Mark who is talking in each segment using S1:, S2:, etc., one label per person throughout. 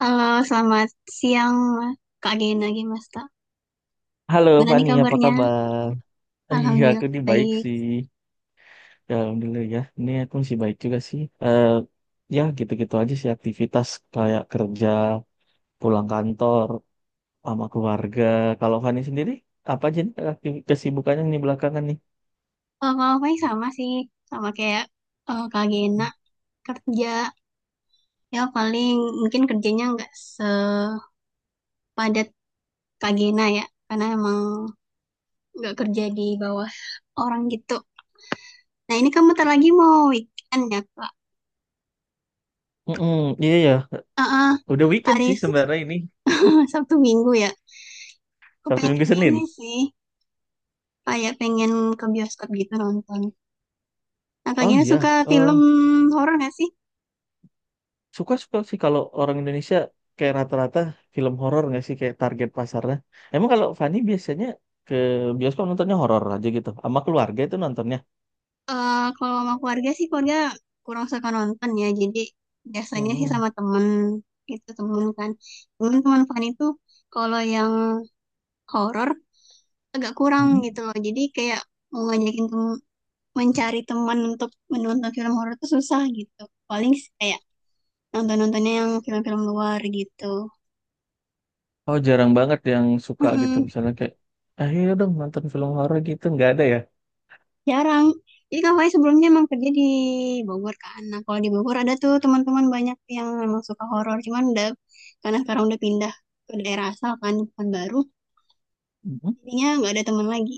S1: Halo, selamat siang Kak Gena Gimasta.
S2: Halo
S1: Gimana nih
S2: Fani, apa
S1: kabarnya?
S2: kabar? Iya, aku
S1: Alhamdulillah
S2: ini baik
S1: baik.
S2: sih. Ya, Alhamdulillah ya. Ini aku masih baik juga sih. Ya gitu-gitu aja sih aktivitas kayak kerja, pulang kantor, sama keluarga. Kalau Fani sendiri, apa aja nih kesibukannya nih belakangan nih?
S1: Kalau kalau paling sama sih, sama kayak Kak Gena kerja. Ya paling mungkin kerjanya nggak sepadat Kak Gena ya, karena emang nggak kerja di bawah orang gitu. Nah ini kamu bentar lagi mau weekend ya Kak?
S2: Mm-mm, iya ya.
S1: Eh, eh,
S2: Udah weekend
S1: hari
S2: sih sebenarnya ini.
S1: Sabtu Minggu ya. Aku
S2: Sabtu Minggu
S1: pengen
S2: Senin.
S1: ini sih, kayak pengen ke bioskop gitu nonton. Nah Kak
S2: Oh
S1: Gena suka
S2: iya. eh,
S1: film horor nggak sih?
S2: Suka-suka sih kalau orang Indonesia kayak rata-rata film horor nggak sih kayak target pasarnya. Emang kalau Fani biasanya ke bioskop nontonnya horor aja gitu, sama keluarga itu nontonnya.
S1: Eh, kalau sama keluarga sih keluarga kurang suka nonton ya. Jadi biasanya sih
S2: Hmm.
S1: sama temen itu temen kan. Temen teman Fanny itu kalau yang horor agak kurang
S2: Hmm.
S1: gitu loh. Jadi kayak mau mencari teman untuk menonton film horor itu susah gitu. Paling sih kayak nonton-nontonnya yang film-film luar gitu.
S2: Oh jarang banget yang suka gitu misalnya kayak, ayo dong nonton film horor gitu nggak ada ya.
S1: Jarang. Jadi Kak Fai sebelumnya emang kerja di Bogor kan. Nah, kalau di Bogor ada tuh teman-teman banyak yang emang suka horor. Cuman udah, karena sekarang udah pindah ke daerah asal kan, bukan baru.
S2: Hmm.
S1: Jadinya nggak ada teman lagi.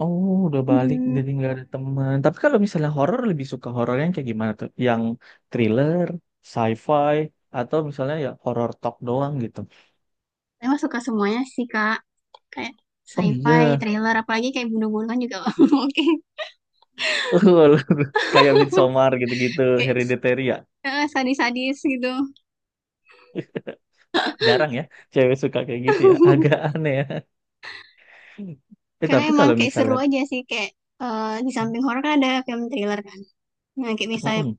S2: Oh udah balik
S1: Hmm,
S2: jadi nggak ada teman. Tapi kalau misalnya horor lebih suka horor yang kayak gimana tuh? Yang thriller, sci-fi, atau misalnya ya horor talk doang gitu.
S1: emang suka semuanya sih, Kak. Kayak
S2: Oh
S1: sci-fi,
S2: iya.
S1: thriller, apalagi kayak bunuh-bunuhan juga. Oke.
S2: Kayak Midsommar gitu-gitu,
S1: Kayak
S2: Hereditary ya.
S1: sadis-sadis gitu.
S2: Jarang ya cewek suka kayak gitu ya. Agak aneh ya. Eh,
S1: Karena
S2: tapi
S1: emang
S2: kalau
S1: kayak seru
S2: misalnya
S1: aja sih. Kayak di samping horor kan ada film thriller kan. Nah, kayak misalnya
S2: mm-mm,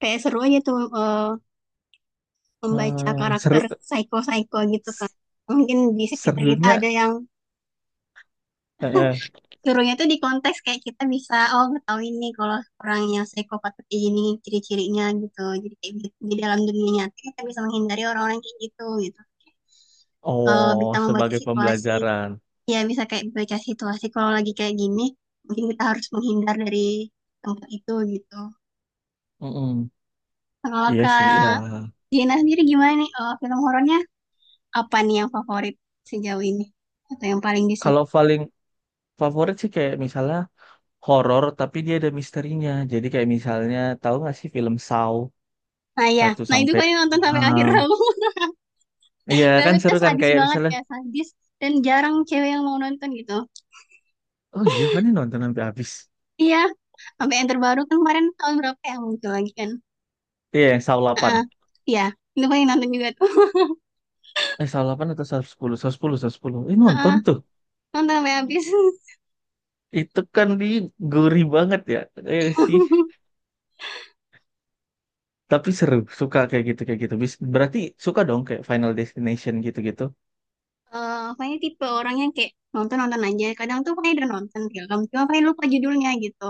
S1: kayak seru aja tuh membaca
S2: seru
S1: karakter psycho-psycho gitu kan. Mungkin di sekitar kita
S2: serunya
S1: ada yang
S2: eh, eh,
S1: suruhnya tuh di konteks kayak kita bisa oh ngetahuin nih kalau orang yang psikopat seperti ini ciri-cirinya gitu. Jadi kayak di dalam dunia nyata kita bisa menghindari orang-orang kayak gitu gitu. Eh,
S2: oh,
S1: bisa membaca
S2: sebagai
S1: situasi.
S2: pembelajaran.
S1: Ya bisa kayak baca situasi kalau lagi kayak gini mungkin kita harus menghindar dari tempat itu gitu.
S2: Mm-mm.
S1: Kalau
S2: Iya sih ya.
S1: Kak Gina sendiri gimana nih? Eh, film horornya apa nih yang favorit sejauh ini atau yang paling disuka
S2: Kalau paling favorit sih kayak misalnya horor tapi dia ada misterinya. Jadi kayak misalnya tahu nggak sih film Saw
S1: nah ya
S2: satu
S1: nah itu
S2: sampai
S1: kayaknya nonton sampai akhir
S2: 6.
S1: aku
S2: Iya kan
S1: balutnya
S2: seru kan
S1: sadis
S2: kayak
S1: banget
S2: misalnya
S1: ya sadis dan jarang cewek yang mau nonton gitu
S2: oh iya kan nonton sampai habis.
S1: iya sampai yang terbaru kan kemarin tahun berapa yang muncul lagi kan
S2: Iya, yang Saw 8.
S1: Heeh. Iya itu paling nonton juga tuh
S2: Saw 8 atau Saw 10, Saw 10, Saw 10. Eh, nonton
S1: Heeh,
S2: tuh.
S1: nonton sampai habis
S2: Itu kan di gurih banget ya. Sih. Tapi seru, suka kayak gitu, kayak gitu. Berarti suka dong kayak Final Destination gitu-gitu.
S1: Eh, pokoknya tipe orang yang kayak nonton-nonton aja kadang tuh pokoknya udah nonton film cuma paling lupa judulnya gitu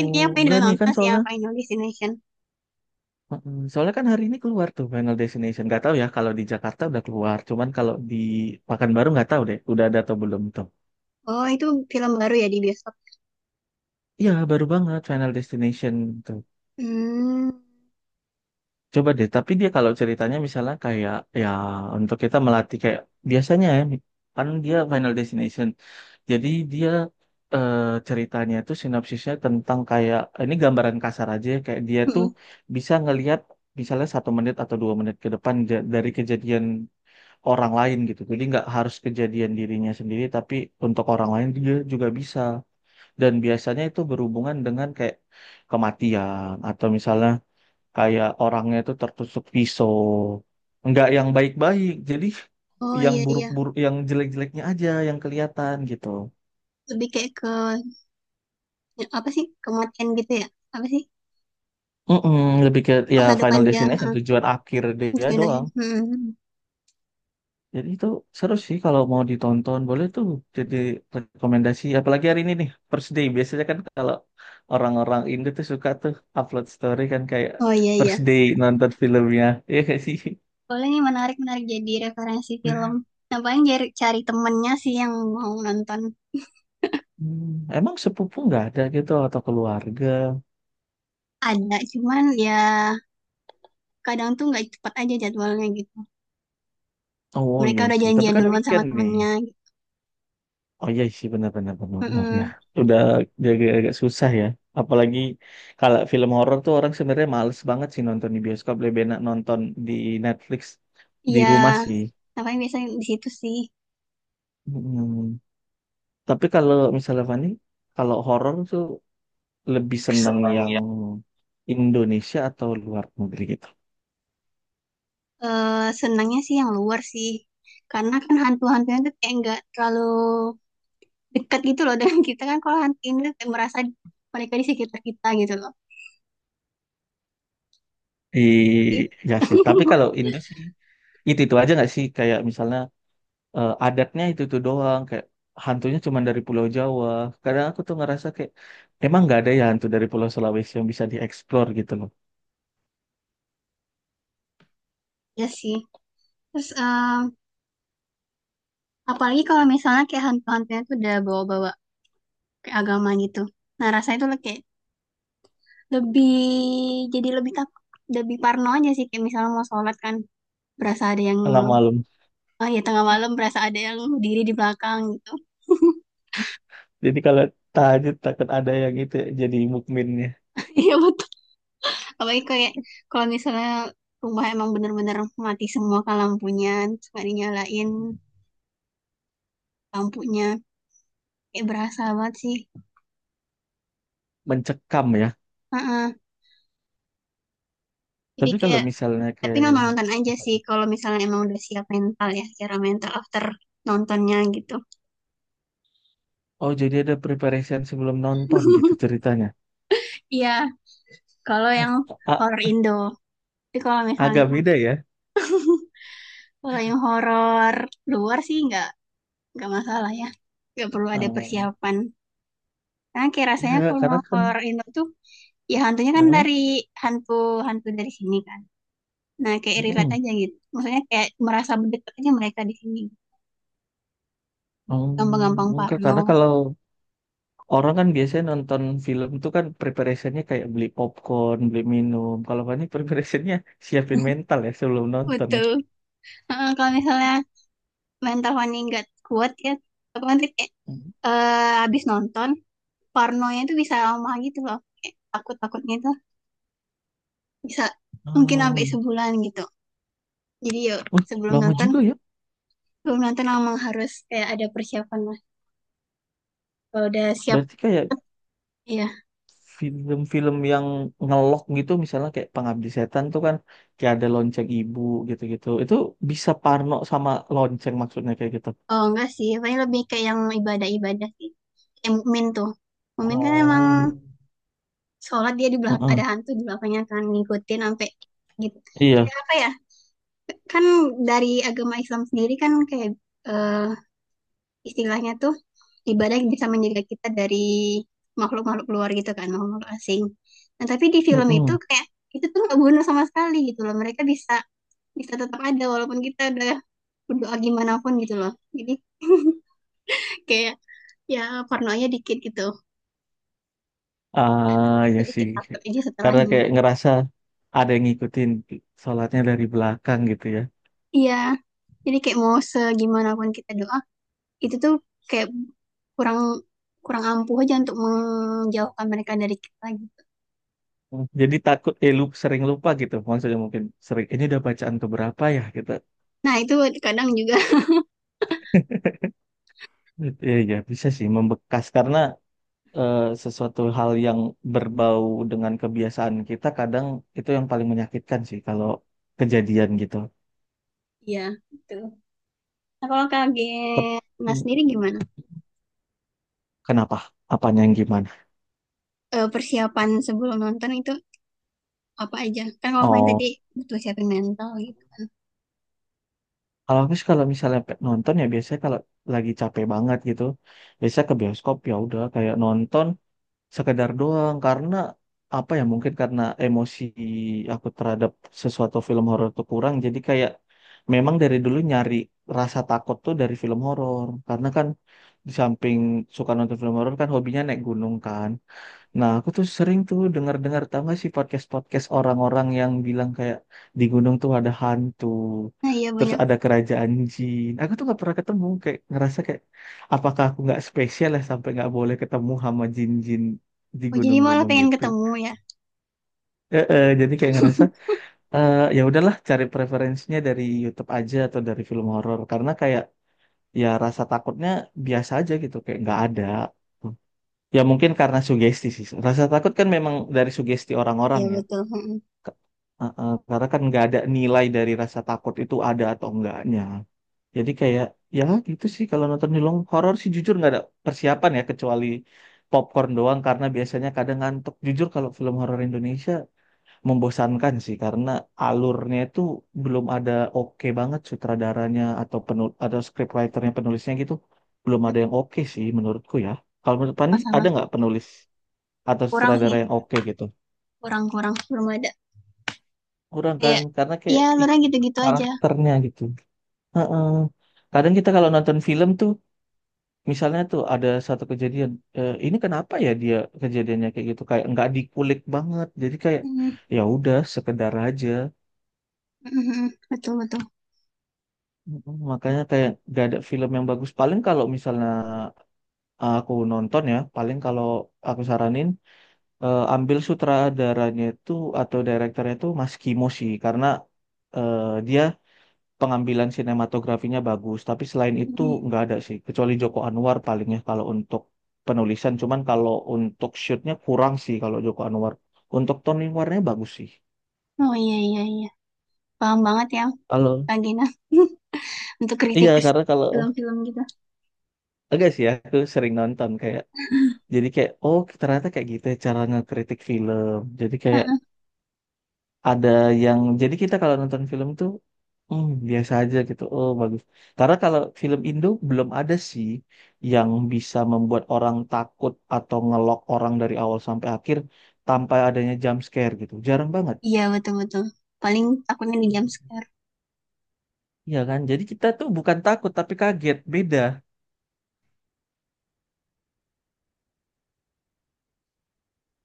S1: intinya kayaknya pokoknya
S2: enggak
S1: udah
S2: nih kan
S1: nonton sih yang
S2: soalnya.
S1: Final Destination
S2: Mm-mm. Soalnya kan hari ini keluar tuh Final Destination. Gak tahu ya kalau di Jakarta udah keluar. Cuman kalau di Pekanbaru nggak tahu deh, udah ada atau belum tuh.
S1: oh itu film baru ya di bioskop.
S2: Iya, baru banget Final Destination tuh.
S1: Hmm.
S2: Coba deh, tapi dia kalau ceritanya misalnya kayak ya untuk kita melatih kayak biasanya ya, kan dia Final Destination. Jadi dia eh, ceritanya itu sinopsisnya tentang kayak ini gambaran kasar aja ya, kayak dia tuh
S1: Mm-mm.
S2: bisa ngelihat misalnya 1 menit atau 2 menit ke depan dari kejadian orang lain gitu. Jadi nggak harus kejadian dirinya sendiri, tapi untuk orang lain dia juga bisa. Dan biasanya itu berhubungan dengan kayak kematian atau misalnya kayak orangnya itu tertusuk pisau, nggak yang baik-baik, jadi
S1: Oh
S2: yang
S1: iya iya.
S2: buruk-buruk, yang jelek-jeleknya aja yang kelihatan gitu.
S1: Lebih kayak ke apa sih? Kematian gitu ya? Apa sih?
S2: Mm-mm, lebih ke ya
S1: Masa depan
S2: Final
S1: dia,
S2: Destination
S1: heeh,
S2: tujuan akhir dia
S1: Jun
S2: doang,
S1: Ahyun. Hmm.
S2: jadi itu seru sih kalau mau ditonton, boleh tuh jadi rekomendasi. Apalagi hari ini nih First Day, biasanya kan kalau orang-orang Indo tuh suka tuh upload story kan kayak
S1: Oh iya iya.
S2: First Day nonton filmnya. Ya gak sih.
S1: Boleh nih menarik menarik jadi referensi film. Nah paling cari temennya sih yang mau nonton
S2: Hmm, emang sepupu nggak ada gitu atau keluarga?
S1: ada. Cuman ya kadang tuh nggak cepat aja jadwalnya gitu.
S2: Oh
S1: Mereka
S2: iya
S1: udah
S2: sih, tapi
S1: janjian
S2: kan
S1: duluan sama
S2: weekend nih.
S1: temennya. Gitu.
S2: Oh iya sih, benar-benar benar benar, benar, benar, ya.
S1: Mm-mm.
S2: Udah, jadi agak susah ya. Apalagi kalau film horor tuh orang sebenarnya males banget sih nonton di bioskop, lebih enak nonton di Netflix di
S1: Iya.
S2: rumah sih.
S1: Nah paling biasanya di situ sih.
S2: Mm. Tapi kalau misalnya Fani, kalau horor tuh lebih seneng yang Indonesia atau luar negeri gitu.
S1: Senangnya sih yang luar sih. Karena kan hantu-hantunya tuh kayak nggak terlalu dekat gitu loh dengan kita kan kalau hantu ini tuh kayak merasa mereka di sekitar kita gitu loh.
S2: I, ya sih. Tapi kalau Indo sih itu aja nggak sih? Kayak misalnya adatnya itu tuh doang, kayak hantunya cuma dari Pulau Jawa. Kadang aku tuh ngerasa kayak emang nggak ada ya hantu dari Pulau Sulawesi yang bisa dieksplor gitu loh.
S1: ya sih. Terus apalagi kalau misalnya kayak hantu-hantunya tuh udah bawa-bawa kayak agama gitu. Nah, rasanya tuh kayak lebih jadi lebih takut, lebih parno aja sih kayak misalnya mau sholat kan berasa ada yang
S2: Tengah malam,
S1: oh ya tengah malam berasa ada yang berdiri di belakang gitu.
S2: jadi kalau tahajud takut ada yang itu, jadi mukminnya
S1: Iya betul. Apalagi kayak kalau misalnya rumah emang bener-bener mati semua kan lampunya terus nggak dinyalain lampunya kayak berasa banget sih
S2: mencekam ya.
S1: Heeh. Jadi
S2: Tapi kalau
S1: kayak
S2: misalnya
S1: tapi
S2: kayak
S1: nonton-nonton aja
S2: apa
S1: sih
S2: tuh?
S1: kalau misalnya emang udah siap mental ya secara mental after nontonnya gitu
S2: Oh, jadi ada preparation sebelum nonton gitu ceritanya.
S1: iya kalau yang
S2: A-
S1: horor Indo tapi kalau misalnya
S2: agak beda ya.
S1: kalau yang horor luar sih nggak masalah ya nggak perlu ada
S2: Eh,
S1: persiapan. Nah, kayak rasanya
S2: enggak
S1: kalau
S2: karena kan
S1: horor Indo tuh ya hantunya kan
S2: eh,
S1: dari hantu-hantu dari sini kan. Nah, kayak relate
S2: mm-mm.
S1: aja gitu. Maksudnya kayak merasa berdekat aja mereka di sini.
S2: Oh,
S1: Gampang-gampang
S2: enggak
S1: parno.
S2: karena kalau orang kan biasanya nonton film tuh kan preparationnya kayak beli popcorn, beli minum. Kalau Fani preparationnya siapin mental ya sebelum nonton ya.
S1: Betul. Heeh, kalau misalnya mental Fanny nggak kuat ya, otomatis kayak
S2: Hmm.
S1: habis nonton, parnonya itu bisa lama gitu loh. Kayak takut-takutnya itu bisa mungkin sampai
S2: Uh,
S1: sebulan gitu. Jadi yuk sebelum
S2: lama
S1: nonton,
S2: juga ya.
S1: sebelum nonton emang harus kayak ada persiapan lah. Kalau udah siap,
S2: Berarti kayak
S1: ya
S2: film-film yang ngelok gitu misalnya kayak Pengabdi Setan tuh kan kayak ada lonceng ibu gitu-gitu. Itu bisa parno sama lonceng maksudnya kayak gitu.
S1: oh enggak sih, paling lebih kayak yang ibadah-ibadah sih. Kayak mukmin tuh. Mukmin kan emang
S2: Oh.
S1: sholat dia di belakang ada
S2: Heeh.
S1: hantu di belakangnya kan ngikutin sampai gitu.
S2: Iya.
S1: Kayak apa ya? Kan dari agama Islam sendiri kan kayak eh, istilahnya tuh ibadah yang bisa menjaga kita dari makhluk-makhluk luar gitu kan, makhluk asing. Nah, tapi di film
S2: Heeh.
S1: itu kayak itu tuh nggak guna sama sekali gitu loh. Mereka bisa bisa tetap ada walaupun kita udah berdoa gimana pun gitu loh. Jadi kayak ya pornonya dikit gitu
S2: Ah, ya sih.
S1: sedikit takut aja
S2: Karena
S1: setelahnya
S2: kayak ngerasa ada yang ngikutin sholatnya dari belakang gitu ya.
S1: iya jadi kayak mau segimana pun kita doa itu tuh kayak kurang kurang ampuh aja untuk menjauhkan mereka dari kita gitu
S2: Hmm. Jadi takut sering lupa gitu. Maksudnya mungkin sering ini udah bacaan keberapa ya gitu.
S1: nah itu kadang juga
S2: Ya, ya bisa sih membekas karena sesuatu hal yang berbau dengan kebiasaan kita, kadang itu yang paling menyakitkan sih kalau kejadian gitu.
S1: iya gitu nah kalau
S2: Tep-
S1: kaget nah sendiri gimana.
S2: Kenapa? Apanya yang gimana?
S1: Eh, persiapan sebelum nonton itu apa aja kan kalau Fani tadi
S2: Oh.
S1: butuh siapin mental gitu kan
S2: Kalau habis, kalau misalnya nonton ya, biasanya kalau lagi capek banget gitu, biasanya ke bioskop ya udah kayak nonton sekedar doang, karena apa ya, mungkin karena emosi aku terhadap sesuatu film horor tuh kurang, jadi kayak memang dari dulu nyari rasa takut tuh dari film horor karena kan di samping suka nonton film horor kan hobinya naik gunung kan. Nah, aku tuh sering tuh dengar-dengar, tau gak sih podcast-podcast orang-orang yang bilang kayak di gunung tuh ada hantu,
S1: nah iya
S2: terus
S1: banyak
S2: ada kerajaan jin. Aku tuh nggak pernah ketemu, kayak ngerasa kayak apakah aku nggak spesial ya sampai nggak boleh ketemu sama jin-jin di
S1: oh jadi malah
S2: gunung-gunung
S1: pengen
S2: gitu.
S1: ketemu ya.
S2: Jadi kayak ngerasa ya udahlah, cari preferensinya dari YouTube aja atau dari film horor, karena kayak ya rasa takutnya biasa aja gitu, kayak nggak ada. Ya mungkin karena sugesti sih. Rasa takut kan memang dari sugesti orang-orang
S1: Iya
S2: ya.
S1: betul. Mm-mm.
S2: Ke- karena kan nggak ada nilai dari rasa takut itu ada atau enggaknya. Jadi kayak ya gitu sih kalau nonton film horor sih, jujur nggak ada persiapan ya kecuali popcorn doang karena biasanya kadang ngantuk. Jujur kalau film horor Indonesia membosankan sih karena alurnya itu belum ada oke banget, sutradaranya atau penul atau scriptwriternya, penulisnya gitu, belum ada yang oke sih menurutku ya. Kalau menurut Pani ada
S1: Sama-sama.
S2: nggak penulis atau
S1: Kurang sih,
S2: sutradara yang oke gitu?
S1: kurang-kurang belum ada.
S2: Kurang kan
S1: Iya.
S2: karena
S1: Ya
S2: kayak
S1: alurnya gitu-gitu aja.
S2: karakternya gitu. Heeh. Kadang kita kalau nonton film tuh misalnya tuh ada satu kejadian, ini kenapa ya dia kejadiannya kayak gitu, kayak nggak dikulik banget, jadi kayak
S1: Mhm.
S2: ya udah, sekedar aja.
S1: Mhm. Betul, betul.
S2: Makanya kayak gak ada film yang bagus, paling kalau misalnya aku nonton ya paling kalau aku saranin ambil sutradaranya itu atau direkturnya itu Mas Kimo sih karena eh, dia pengambilan sinematografinya bagus. Tapi selain itu
S1: Mhm.
S2: nggak ada sih, kecuali Joko Anwar palingnya kalau untuk penulisan. Cuman kalau untuk shootnya kurang sih kalau Joko Anwar. Untuk Tony Warnanya bagus sih.
S1: Oh iya, iya, iya. Paham banget ya,
S2: Kalau
S1: Kak Gina. Untuk
S2: iya,
S1: kritikus
S2: karena kalau
S1: film-film gitu.
S2: agak sih ya, aku sering nonton kayak, jadi kayak oh ternyata kayak gitu ya cara ngekritik film. Jadi kayak
S1: Heeh.
S2: ada yang jadi kita kalau nonton film tuh biasa aja gitu, oh bagus, karena kalau film Indo belum ada sih yang bisa membuat orang takut atau ngelok orang dari awal sampai akhir tanpa adanya jump scare gitu, jarang banget.
S1: Iya, betul, betul. Paling takutnya di jam scare.
S2: Iya kan, jadi kita tuh bukan takut tapi kaget, beda.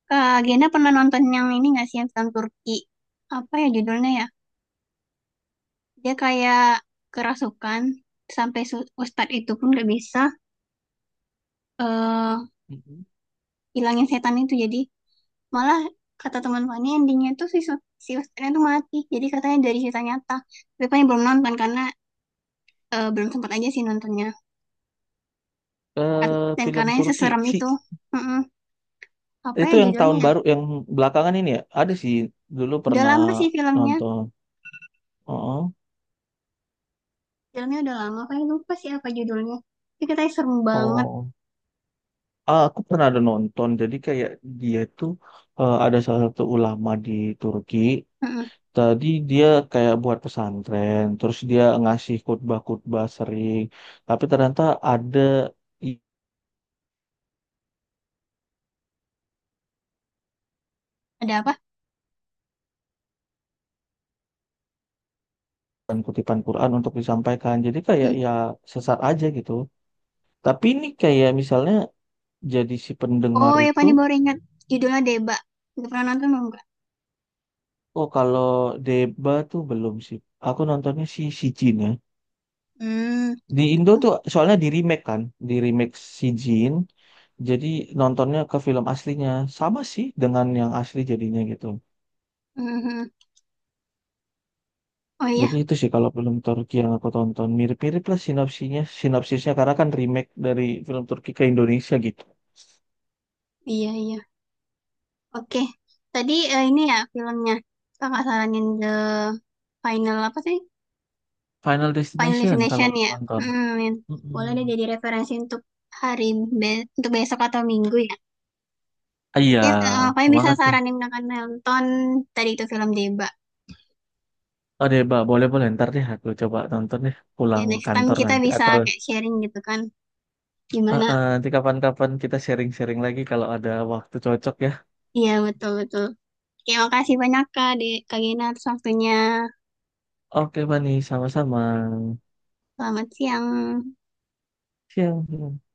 S1: Kak Gina pernah nonton yang ini nggak sih, yang film Turki? Apa ya judulnya ya? Dia kayak kerasukan, sampai ustadz itu pun nggak bisa eh
S2: Mhm.
S1: hilangin setan itu. Jadi malah kata teman Fani endingnya tuh si Westernnya tuh mati. Jadi katanya dari cerita nyata. Tapi Fani belum nonton karena belum sempat aja sih nontonnya.
S2: eh
S1: Dan
S2: film
S1: karena yang
S2: Turki
S1: seserem
S2: sih,
S1: itu. Mm-mm. Apa
S2: itu
S1: ya
S2: yang
S1: judulnya
S2: tahun
S1: ya?
S2: baru yang belakangan ini ya ada sih, dulu
S1: Udah
S2: pernah
S1: lama sih filmnya.
S2: nonton. Oh,
S1: Filmnya udah lama. Fani lupa sih apa judulnya. Tapi katanya serem banget.
S2: oh. Ah, aku pernah ada nonton, jadi kayak dia tuh ada salah satu ulama di Turki.
S1: Mm-mm.
S2: Tadi dia kayak buat pesantren, terus dia ngasih khutbah-khutbah sering, tapi ternyata ada
S1: Ada apa?
S2: kutipan-kutipan Quran untuk disampaikan. Jadi kayak
S1: Mm.
S2: ya sesat aja gitu. Tapi ini kayak misalnya jadi si pendengar
S1: Oh ya
S2: itu.
S1: Fani baru ingat. Judulnya Deba. Udah pernah nonton belum? Kak?
S2: Oh kalau Deba tuh belum sih. Aku nontonnya si si Jin ya.
S1: Hmm.
S2: Di Indo tuh soalnya di remake kan, di remake si Jin. Jadi nontonnya ke film aslinya, sama sih dengan yang asli jadinya gitu.
S1: Mhm. Oh iya.
S2: Jadi itu sih kalau film Turki yang aku tonton mirip-mirip lah sinopsinya, sinopsisnya, karena kan remake dari film Turki ke Indonesia gitu.
S1: Iya, iya. Oke, tadi ini ya filmnya. Kakak saranin The Final apa sih?
S2: Final
S1: Final
S2: Destination kalau
S1: Destination
S2: mau
S1: ya.
S2: nonton.
S1: Hmm, boleh deh
S2: Mm-mm.
S1: jadi referensi untuk hari untuk besok atau minggu ya.
S2: Ah, iya,
S1: Mungkin apa yang bisa
S2: banget tuh.
S1: saranin akan nonton tadi itu film Deba.
S2: Oh deh, Mbak, boleh-boleh ntar deh aku coba nonton deh
S1: Ya
S2: pulang
S1: next time
S2: kantor
S1: kita
S2: nanti
S1: bisa
S2: atau
S1: kayak sharing gitu kan. Gimana?
S2: nanti kapan-kapan kita sharing-sharing lagi kalau ada waktu cocok ya.
S1: Iya betul betul. Oke, makasih banyak Kak, di Kak Gina atas waktunya.
S2: Oke, Bani, sama-sama.
S1: Selamat siang.
S2: Siang.